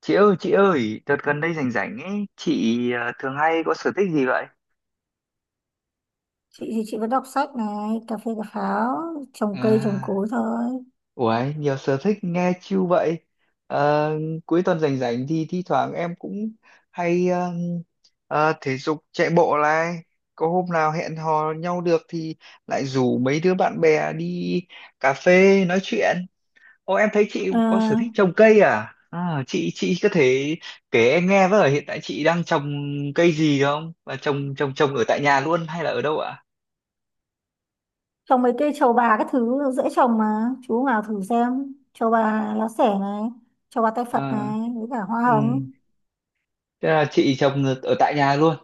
Chị ơi, đợt gần đây rảnh rảnh ấy, chị thường hay có sở thích gì vậy? Chị thì chị vẫn đọc sách này, cà phê cà pháo, trồng cây trồng À, cối thôi. uầy, nhiều sở thích nghe chill vậy. Ờ, cuối tuần rảnh rảnh thì thi thoảng em cũng hay thể dục chạy bộ này. Có hôm nào hẹn hò nhau được thì lại rủ mấy đứa bạn bè đi cà phê nói chuyện. Ô, em thấy chị Ờ, có sở thích trồng cây à? À, chị có thể kể em nghe với, ở hiện tại chị đang trồng cây gì không? Và trồng trồng trồng ở tại nhà luôn hay là ở đâu ạ? Trồng mấy cây trầu bà các thứ dễ trồng mà. Chú nào thử xem: trầu bà lá xẻ này, trầu bà tay Phật À, này, với cả hoa ừ. hồng. Thế là chị trồng ở ở tại nhà luôn,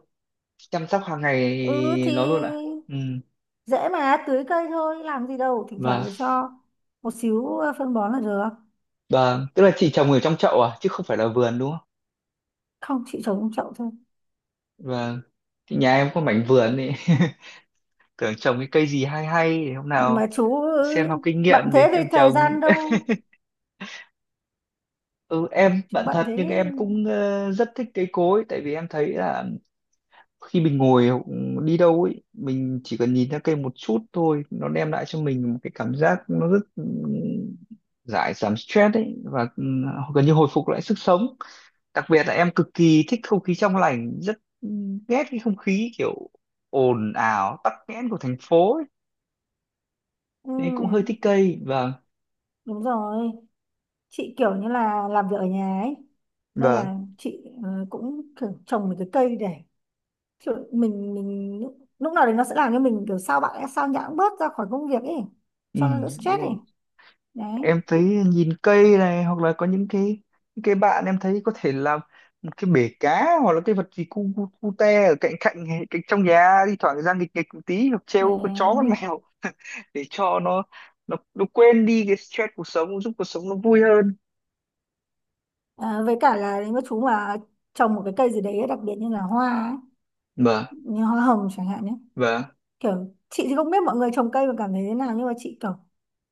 chăm sóc hàng Ừ ngày thì nó luôn ạ. Ừ. dễ mà, tưới cây thôi làm gì đâu. Thỉnh thoảng Và cho một xíu phân bón là được. và tức là chị trồng ở trong chậu à chứ không phải là vườn đúng không? Không, chị trồng trong chậu thôi. Và nhà em có mảnh vườn ấy. Tưởng trồng cái cây gì hay hay để hôm Nhưng mà nào chú xem học kinh bận nghiệm để thế em thì thời trồng. gian đâu. Ừ, em Chú bạn bận thật nhưng thế. em cũng rất thích cây cối, tại vì em thấy là khi mình ngồi hoặc đi đâu ấy, mình chỉ cần nhìn ra cây một chút thôi, nó đem lại cho mình một cái cảm giác nó rất giải giảm stress ấy, và gần như hồi phục lại sức sống, đặc biệt là em cực kỳ thích không khí trong lành, rất ghét cái không khí kiểu ồn ào tắc nghẽn của thành phố ấy. Ừ, Nên cũng hơi thích cây. Vâng, đúng rồi. Chị kiểu như là làm việc ở nhà ấy, nên vâng, là chị cũng kiểu trồng một cái cây để kiểu mình lúc lúc nào đấy nó sẽ làm cho mình kiểu sao nhãng bớt ra khỏi công việc ấy, ừ, cho nó đỡ đúng stress ấy. rồi. Đấy. Em thấy nhìn cây này, hoặc là có những cái bạn em thấy có thể làm một cái bể cá, hoặc là cái vật gì cu cu, cu te ở cạnh cạnh cạnh trong nhà, thi thoảng ra nghịch nghịch một tí, hoặc Ờ, treo con chó con mèo để cho nó quên đi cái stress cuộc sống, giúp cuộc sống nó vui hơn. Với cả là nếu mà chú mà trồng một cái cây gì đấy đặc biệt như là hoa ấy, Vâng, như hoa hồng chẳng hạn nhé. vâng, Kiểu chị thì không biết mọi người trồng cây mà cảm thấy thế nào, nhưng mà chị kiểu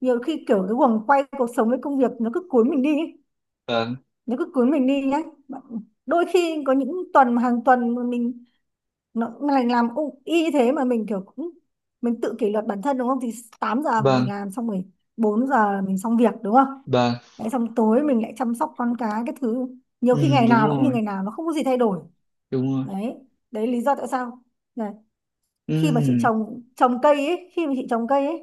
nhiều khi kiểu cái guồng quay cuộc sống với công việc nó cứ cuốn mình đi ấy. vâng, Nếu cứ cưới mình đi nhé. Đôi khi có những tuần mà hàng tuần mà mình, nó mình làm y thế mà mình kiểu cũng mình tự kỷ luật bản thân, đúng không? Thì 8 giờ mình vâng, làm xong rồi, 4 giờ mình xong việc, đúng không? vâng, Đấy, xong tối mình lại chăm sóc con cái thứ. Nhiều khi ừ, ngày đúng nào nó cũng như rồi, ngày nào, nó không có gì thay đổi. đúng rồi, Đấy, đấy lý do tại sao là, khi mà ừ, chị trồng cây ấy,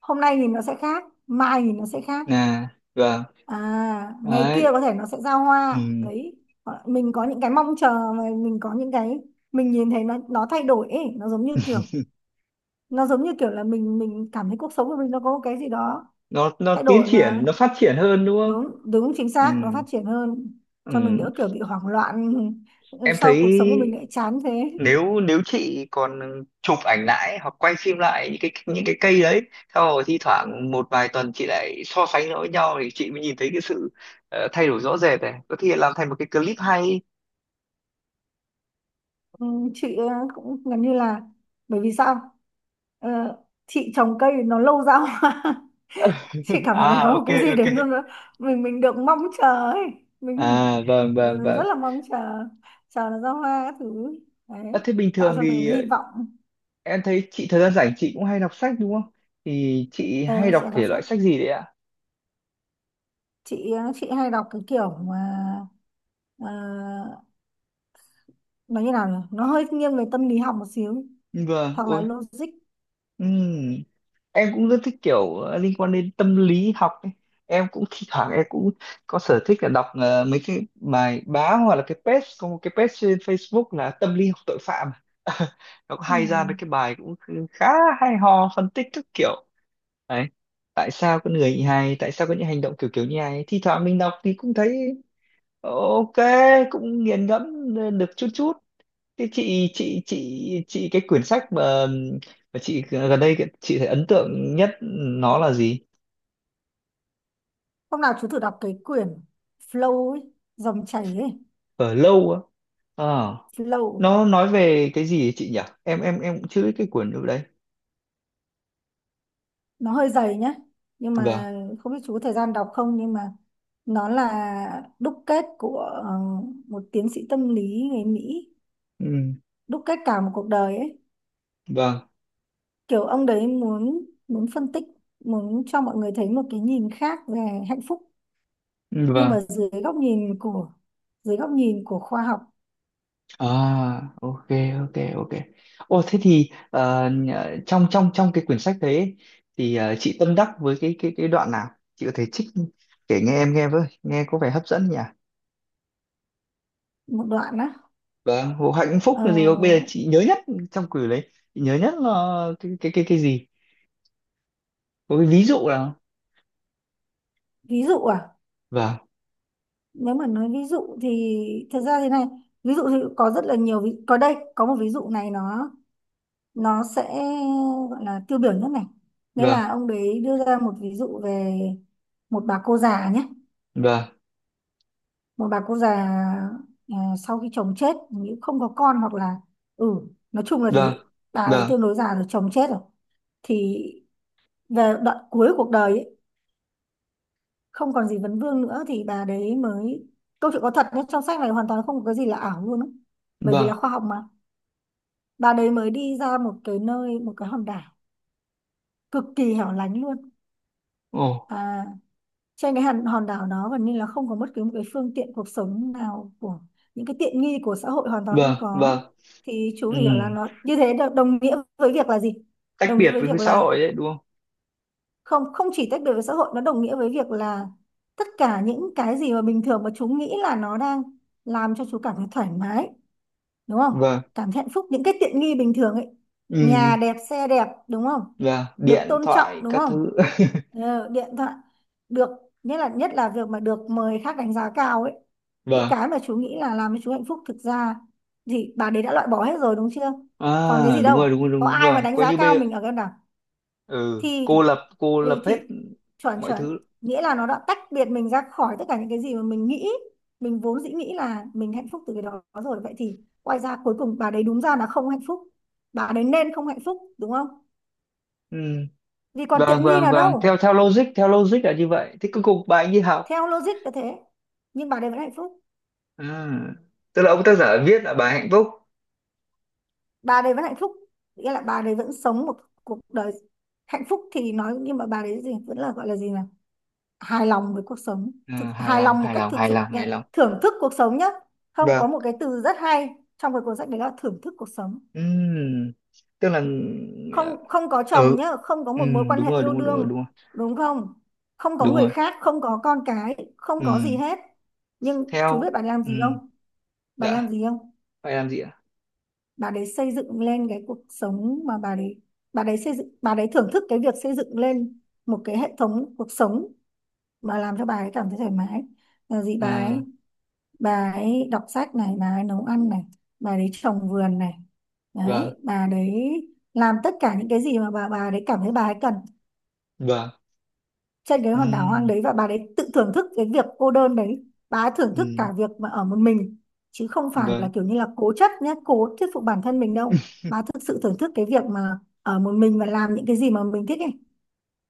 hôm nay nhìn nó sẽ khác, mai nhìn nó sẽ khác. nè. Vâng, À, ngày kia đấy, có thể nó sẽ ra ừ. hoa. Đấy. Mình có những cái mong chờ, mà mình có những cái mình nhìn thấy nó thay đổi ấy. Nó giống như kiểu, là mình cảm thấy cuộc sống của mình nó có một cái gì đó Nó thay tiến đổi mà. triển, nó phát triển hơn đúng không? Đúng đúng, chính Ừ. xác, nó phát triển hơn, Ừ. cho mình đỡ kiểu bị hoảng loạn. Em thấy, sau cuộc sống của mình lại chán thế. ừ, nếu nếu chị còn chụp ảnh lại hoặc quay phim lại những cái cây đấy, sau rồi thi thoảng một vài tuần chị lại so sánh nó với nhau, thì chị mới nhìn thấy cái sự thay đổi rõ rệt này, có thể làm thành một cái clip hay. Ừ, chị cũng gần như là, bởi vì sao, Ờ, chị trồng cây nó lâu ra hoa. chị cảm thấy nó À, có một ok, cái gì đấy, ok. nó mình được mong chờ ấy, mình À, vâng, vâng, rất vâng. là mong chờ, chờ nó ra hoa các thứ. À, Đấy, thế bình tạo thường cho mình thì hy vọng. em thấy chị thời gian rảnh chị cũng hay đọc sách đúng không, thì chị hay Ờ, chị đọc hay đọc thể loại sách. sách gì đấy ạ? Chị chị hay đọc cái kiểu mà, ờ, nó như nào nhỉ, nó hơi nghiêng về tâm lý học một xíu, Vâng, hoặc là ôi, logic. ừ, em cũng rất thích kiểu liên quan đến tâm lý học ấy. Em cũng thi thoảng em cũng có sở thích là đọc mấy cái bài báo, hoặc là cái page, có một cái page trên Facebook là tâm lý học tội phạm, nó có Ừ. hay ra mấy cái bài cũng khá hay ho, phân tích các kiểu, đấy, tại sao con người như này, tại sao có những hành động kiểu kiểu như này, thi thoảng mình đọc thì cũng thấy ok, cũng nghiền ngẫm, được chút chút. Thế chị cái quyển sách mà chị gần đây chị thấy ấn tượng nhất nó là gì? Hôm nào chú thử đọc cái quyển Flow ấy, dòng chảy ấy. Ở lâu á. Ờ, Flow. nó nói về cái gì ấy chị nhỉ? Em cũng chưa biết cái quyển ở đây. Nó hơi dày nhé, nhưng Vâng. mà không biết chú có thời gian đọc không. Nhưng mà nó là đúc kết của một tiến sĩ tâm lý người Mỹ, Ừ, đúc kết cả một cuộc đời ấy. vâng. Kiểu ông đấy muốn muốn phân tích, muốn cho mọi người thấy một cái nhìn khác về hạnh phúc, Ừ, nhưng vâng. mà dưới góc nhìn của, khoa học. À, ok, ok, ok. Ồ thế thì trong trong trong cái quyển sách đấy ấy, thì chị tâm đắc với cái đoạn nào? Chị có thể trích kể nghe em nghe với, nghe có vẻ hấp dẫn nhỉ? Một đoạn á? Vâng, vụ hạnh phúc Ờ, là gì? Bây giờ chị nhớ nhất trong quyển đấy, chị nhớ nhất là cái gì? Có cái ví dụ nào? ví dụ à? Vâng, Nếu mà nói ví dụ thì thật ra thế này. Ví dụ thì có rất là nhiều có đây, có một ví dụ này nó sẽ gọi là tiêu biểu nhất này. Nghĩa vâng, là ông đấy đưa ra một ví dụ về một bà cô già nhé. vâng, Một bà cô già, à, sau khi chồng chết, nếu không có con, hoặc là ừ nói chung là vâng, thế. Bà ấy vâng, tương đối già rồi, chồng chết rồi, thì về đoạn cuối cuộc đời ấy, không còn gì vấn vương nữa thì bà đấy mới... Câu chuyện có thật nhé, trong sách này hoàn toàn không có cái gì là ảo luôn ấy, bởi vì vâng, là khoa học mà. Bà đấy mới đi ra một cái nơi, một cái hòn đảo cực kỳ hẻo lánh luôn. ồ, Trên cái hòn hòn đảo đó, gần như là không có bất cứ một cái phương tiện cuộc sống nào của, những cái tiện nghi của xã hội hoàn toàn không vâng, có. vâng, Thì chú ừ. phải hiểu là nó như thế đồng nghĩa với việc là gì? Tách Đồng nghĩa biệt với với việc cái xã là hội đấy đúng không? không không chỉ tách biệt với xã hội, nó đồng nghĩa với việc là tất cả những cái gì mà bình thường mà chú nghĩ là nó đang làm cho chú cảm thấy thoải mái, đúng không, Vâng, cảm thấy hạnh phúc. Những cái tiện nghi bình thường ấy, ừ, nhà đẹp, xe đẹp, đúng không, vâng, được điện tôn trọng, thoại đúng các không? thứ, Điện thoại, được... Nhất là việc mà được mời khác đánh giá cao ấy, những vâng, cái mà chú nghĩ là làm cho chú hạnh phúc, thực ra thì bà đấy đã loại bỏ hết rồi, đúng chưa? à Còn cái gì đúng rồi, đúng đâu, rồi, có đúng, đúng ai mà rồi, đánh coi giá như cao bây, mình ở cái nào. ừ, Thì cô ừ lập hết thì chuẩn, mọi chuẩn. thứ, Nghĩa là nó đã tách biệt mình ra khỏi tất cả những cái gì mà mình nghĩ, mình vốn dĩ nghĩ là mình hạnh phúc từ cái đó rồi. Vậy thì quay ra cuối cùng bà đấy đúng ra là không hạnh phúc, bà đấy nên không hạnh phúc, đúng không? ừ. Vì còn Vâng, tiện nghi vâng, nào vâng, theo đâu. theo logic là như vậy. Thế cuối cùng bà ấy đi học. Theo logic là thế. Nhưng bà đấy vẫn hạnh phúc. À, tức là ông tác giả viết là bà hạnh phúc. Bà đấy vẫn hạnh phúc, nghĩa là bà đấy vẫn sống một cuộc đời hạnh phúc thì nói. Nhưng mà bà đấy gì vẫn là, gọi là gì nhỉ, hài lòng với cuộc sống. À, hài Hài lòng, lòng một hài cách lòng, thực hài sự lòng, nha. hài lòng. Thưởng thức cuộc sống nhá. Không, có Vâng, một cái từ rất hay trong cái cuốn sách đấy là thưởng thức cuộc sống. ừm, tức là, Không, không có chồng ừ, nhá, không có một mối quan đúng hệ rồi, yêu đúng rồi, đúng rồi, đúng đương, rồi, đúng không? Không có đúng người rồi. khác, không có con cái, không có gì Ừm, hết. Nhưng chú biết theo, bà làm gì ừm, không? Bà làm đã gì không? phải làm gì ạ? Bà đấy xây dựng lên cái cuộc sống mà bà đấy, bà đấy xây dựng, bà đấy thưởng thức cái việc xây dựng lên một cái hệ thống cuộc sống mà làm cho bà ấy cảm thấy thoải mái, là gì? Bà À, ấy, bà ấy đọc sách này, bà ấy nấu ăn này, bà ấy trồng vườn này. Đấy, vâng, bà đấy làm tất cả những cái gì mà bà đấy cảm thấy bà ấy cần vâng. trên cái hòn đảo hoang Ừm, đấy. Và bà đấy tự thưởng thức cái việc cô đơn đấy, bà ấy thưởng thức ừm, cả việc mà ở một mình. Chứ không phải là vâng, kiểu như là cố chấp nhé, cố thuyết phục bản thân mình đâu. Bà thực sự thưởng thức cái việc mà ở một mình và làm những cái gì mà mình thích ấy.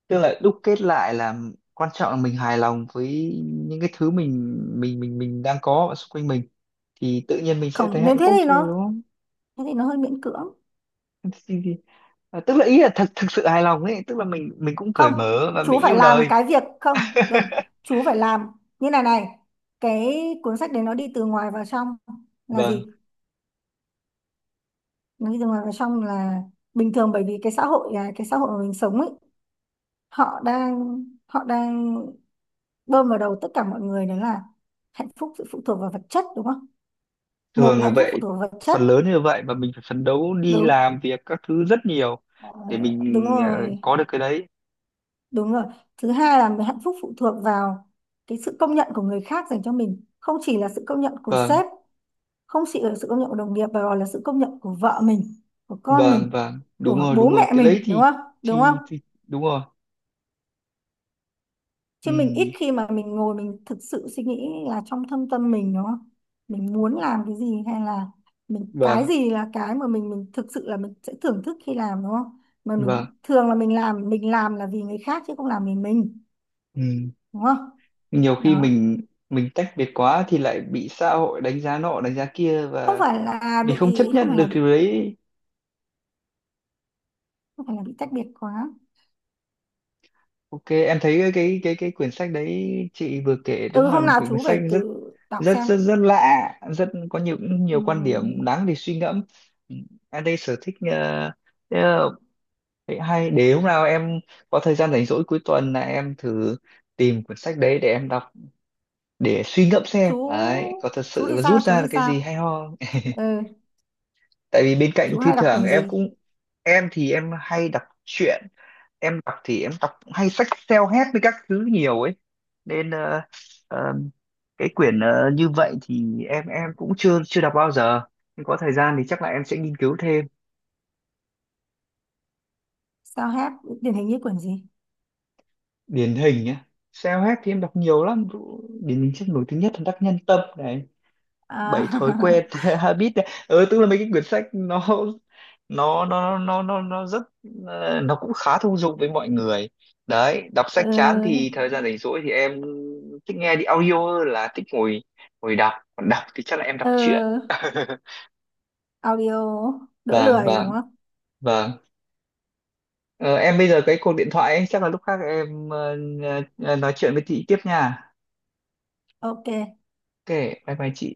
tức là đúc kết lại là quan trọng là mình hài lòng với những cái thứ mình đang có ở xung quanh mình, thì tự nhiên mình sẽ thấy Không nên hạnh thế phúc thì thôi nó đúng không? thế thì nó hơi miễn cưỡng. thì, thì, à, tức là ý là thật thực sự hài lòng ấy, tức là mình cũng cởi Không, mở và chú mình phải yêu làm đời. cái việc không, đúng. Chú phải làm như này này. Cái cuốn sách đấy nó đi từ ngoài vào trong là Vâng, gì? Nó đi từ ngoài vào trong là, bình thường bởi vì cái xã hội, cái xã hội mà mình sống ấy, họ đang, bơm vào đầu tất cả mọi người đấy là: hạnh phúc sự phụ thuộc vào vật chất, đúng không? Một thường là là hạnh phúc phụ vậy, thuộc vào vật chất. phần lớn như vậy, và mình phải phấn đấu đi Đúng. làm việc các thứ rất nhiều, Ờ, để Đúng mình rồi, có được cái đấy. đúng rồi. Thứ hai là hạnh phúc phụ thuộc vào cái sự công nhận của người khác dành cho mình, không chỉ là sự công nhận của Vâng, sếp, không chỉ là sự công nhận của đồng nghiệp, mà còn là sự công nhận của vợ mình, của con mình, vâng, vâng, đúng của rồi, bố đúng rồi, mẹ cái đấy mình, đúng thì, không? Đúng không? thì đúng rồi. Chứ mình ít Ừ, khi mà mình ngồi mình thực sự suy nghĩ là trong thâm tâm mình, đúng không, mình muốn làm cái gì, hay là mình, cái vâng, gì là cái mà mình thực sự là mình sẽ thưởng thức khi làm, đúng không? Mà mình vâng, thường là mình làm, mình làm là vì người khác chứ không làm vì mình, ừ. đúng không? Nhiều khi Đó. mình tách biệt quá thì lại bị xã hội đánh giá nọ đánh giá kia, không và phải là mình không bị chấp không nhận phải được là bị điều đấy. không phải là bị tách biệt quá. Ok, em thấy cái quyển sách đấy chị vừa kể đúng Ừ, là hôm một nào quyển chú phải sách rất tự đọc rất xem. rất rất lạ, rất có nhiều Ừ, nhiều quan điểm đáng để suy ngẫm. Ừ. Em đây sở thích ờ, vậy hay để hôm nào em có thời gian rảnh rỗi cuối tuần là em thử tìm quyển sách đấy để em đọc, để suy ngẫm chú xem. Đấy, có thật chú sự thì là sao? rút Chú ra thì được cái sao? gì hay ho. Ừ, Tại vì bên cạnh chú thi hay đọc thoảng quyển em gì? cũng, em thì em hay đọc truyện, em đọc thì em đọc hay sách self-help với các thứ nhiều ấy, nên ờ, cái quyển như vậy thì em cũng chưa chưa đọc bao giờ, nhưng có thời gian thì chắc là em sẽ nghiên cứu thêm. Sao hết? Điển hình như quyển gì? Điển hình nhá, self-help thì em đọc nhiều lắm, điển hình sách nổi tiếng nhất là Đắc Nhân Tâm này, bảy À. thói quen habit này, ừ, tức là mấy cái quyển sách nó nó rất nó cũng khá thông dụng với mọi người. Đấy, đọc sách chán ừ, thì thời gian rảnh rỗi thì em thích nghe đi audio hơn là thích ngồi ngồi đọc, còn đọc thì chắc là em đọc truyện. ừ, audio đỡ Vâng, lười đúng vâng, không? vâng. Ờ, em bây giờ cái cuộc điện thoại ấy, chắc là lúc khác em nói chuyện với chị tiếp nha. Ok. Ok, bye bye chị.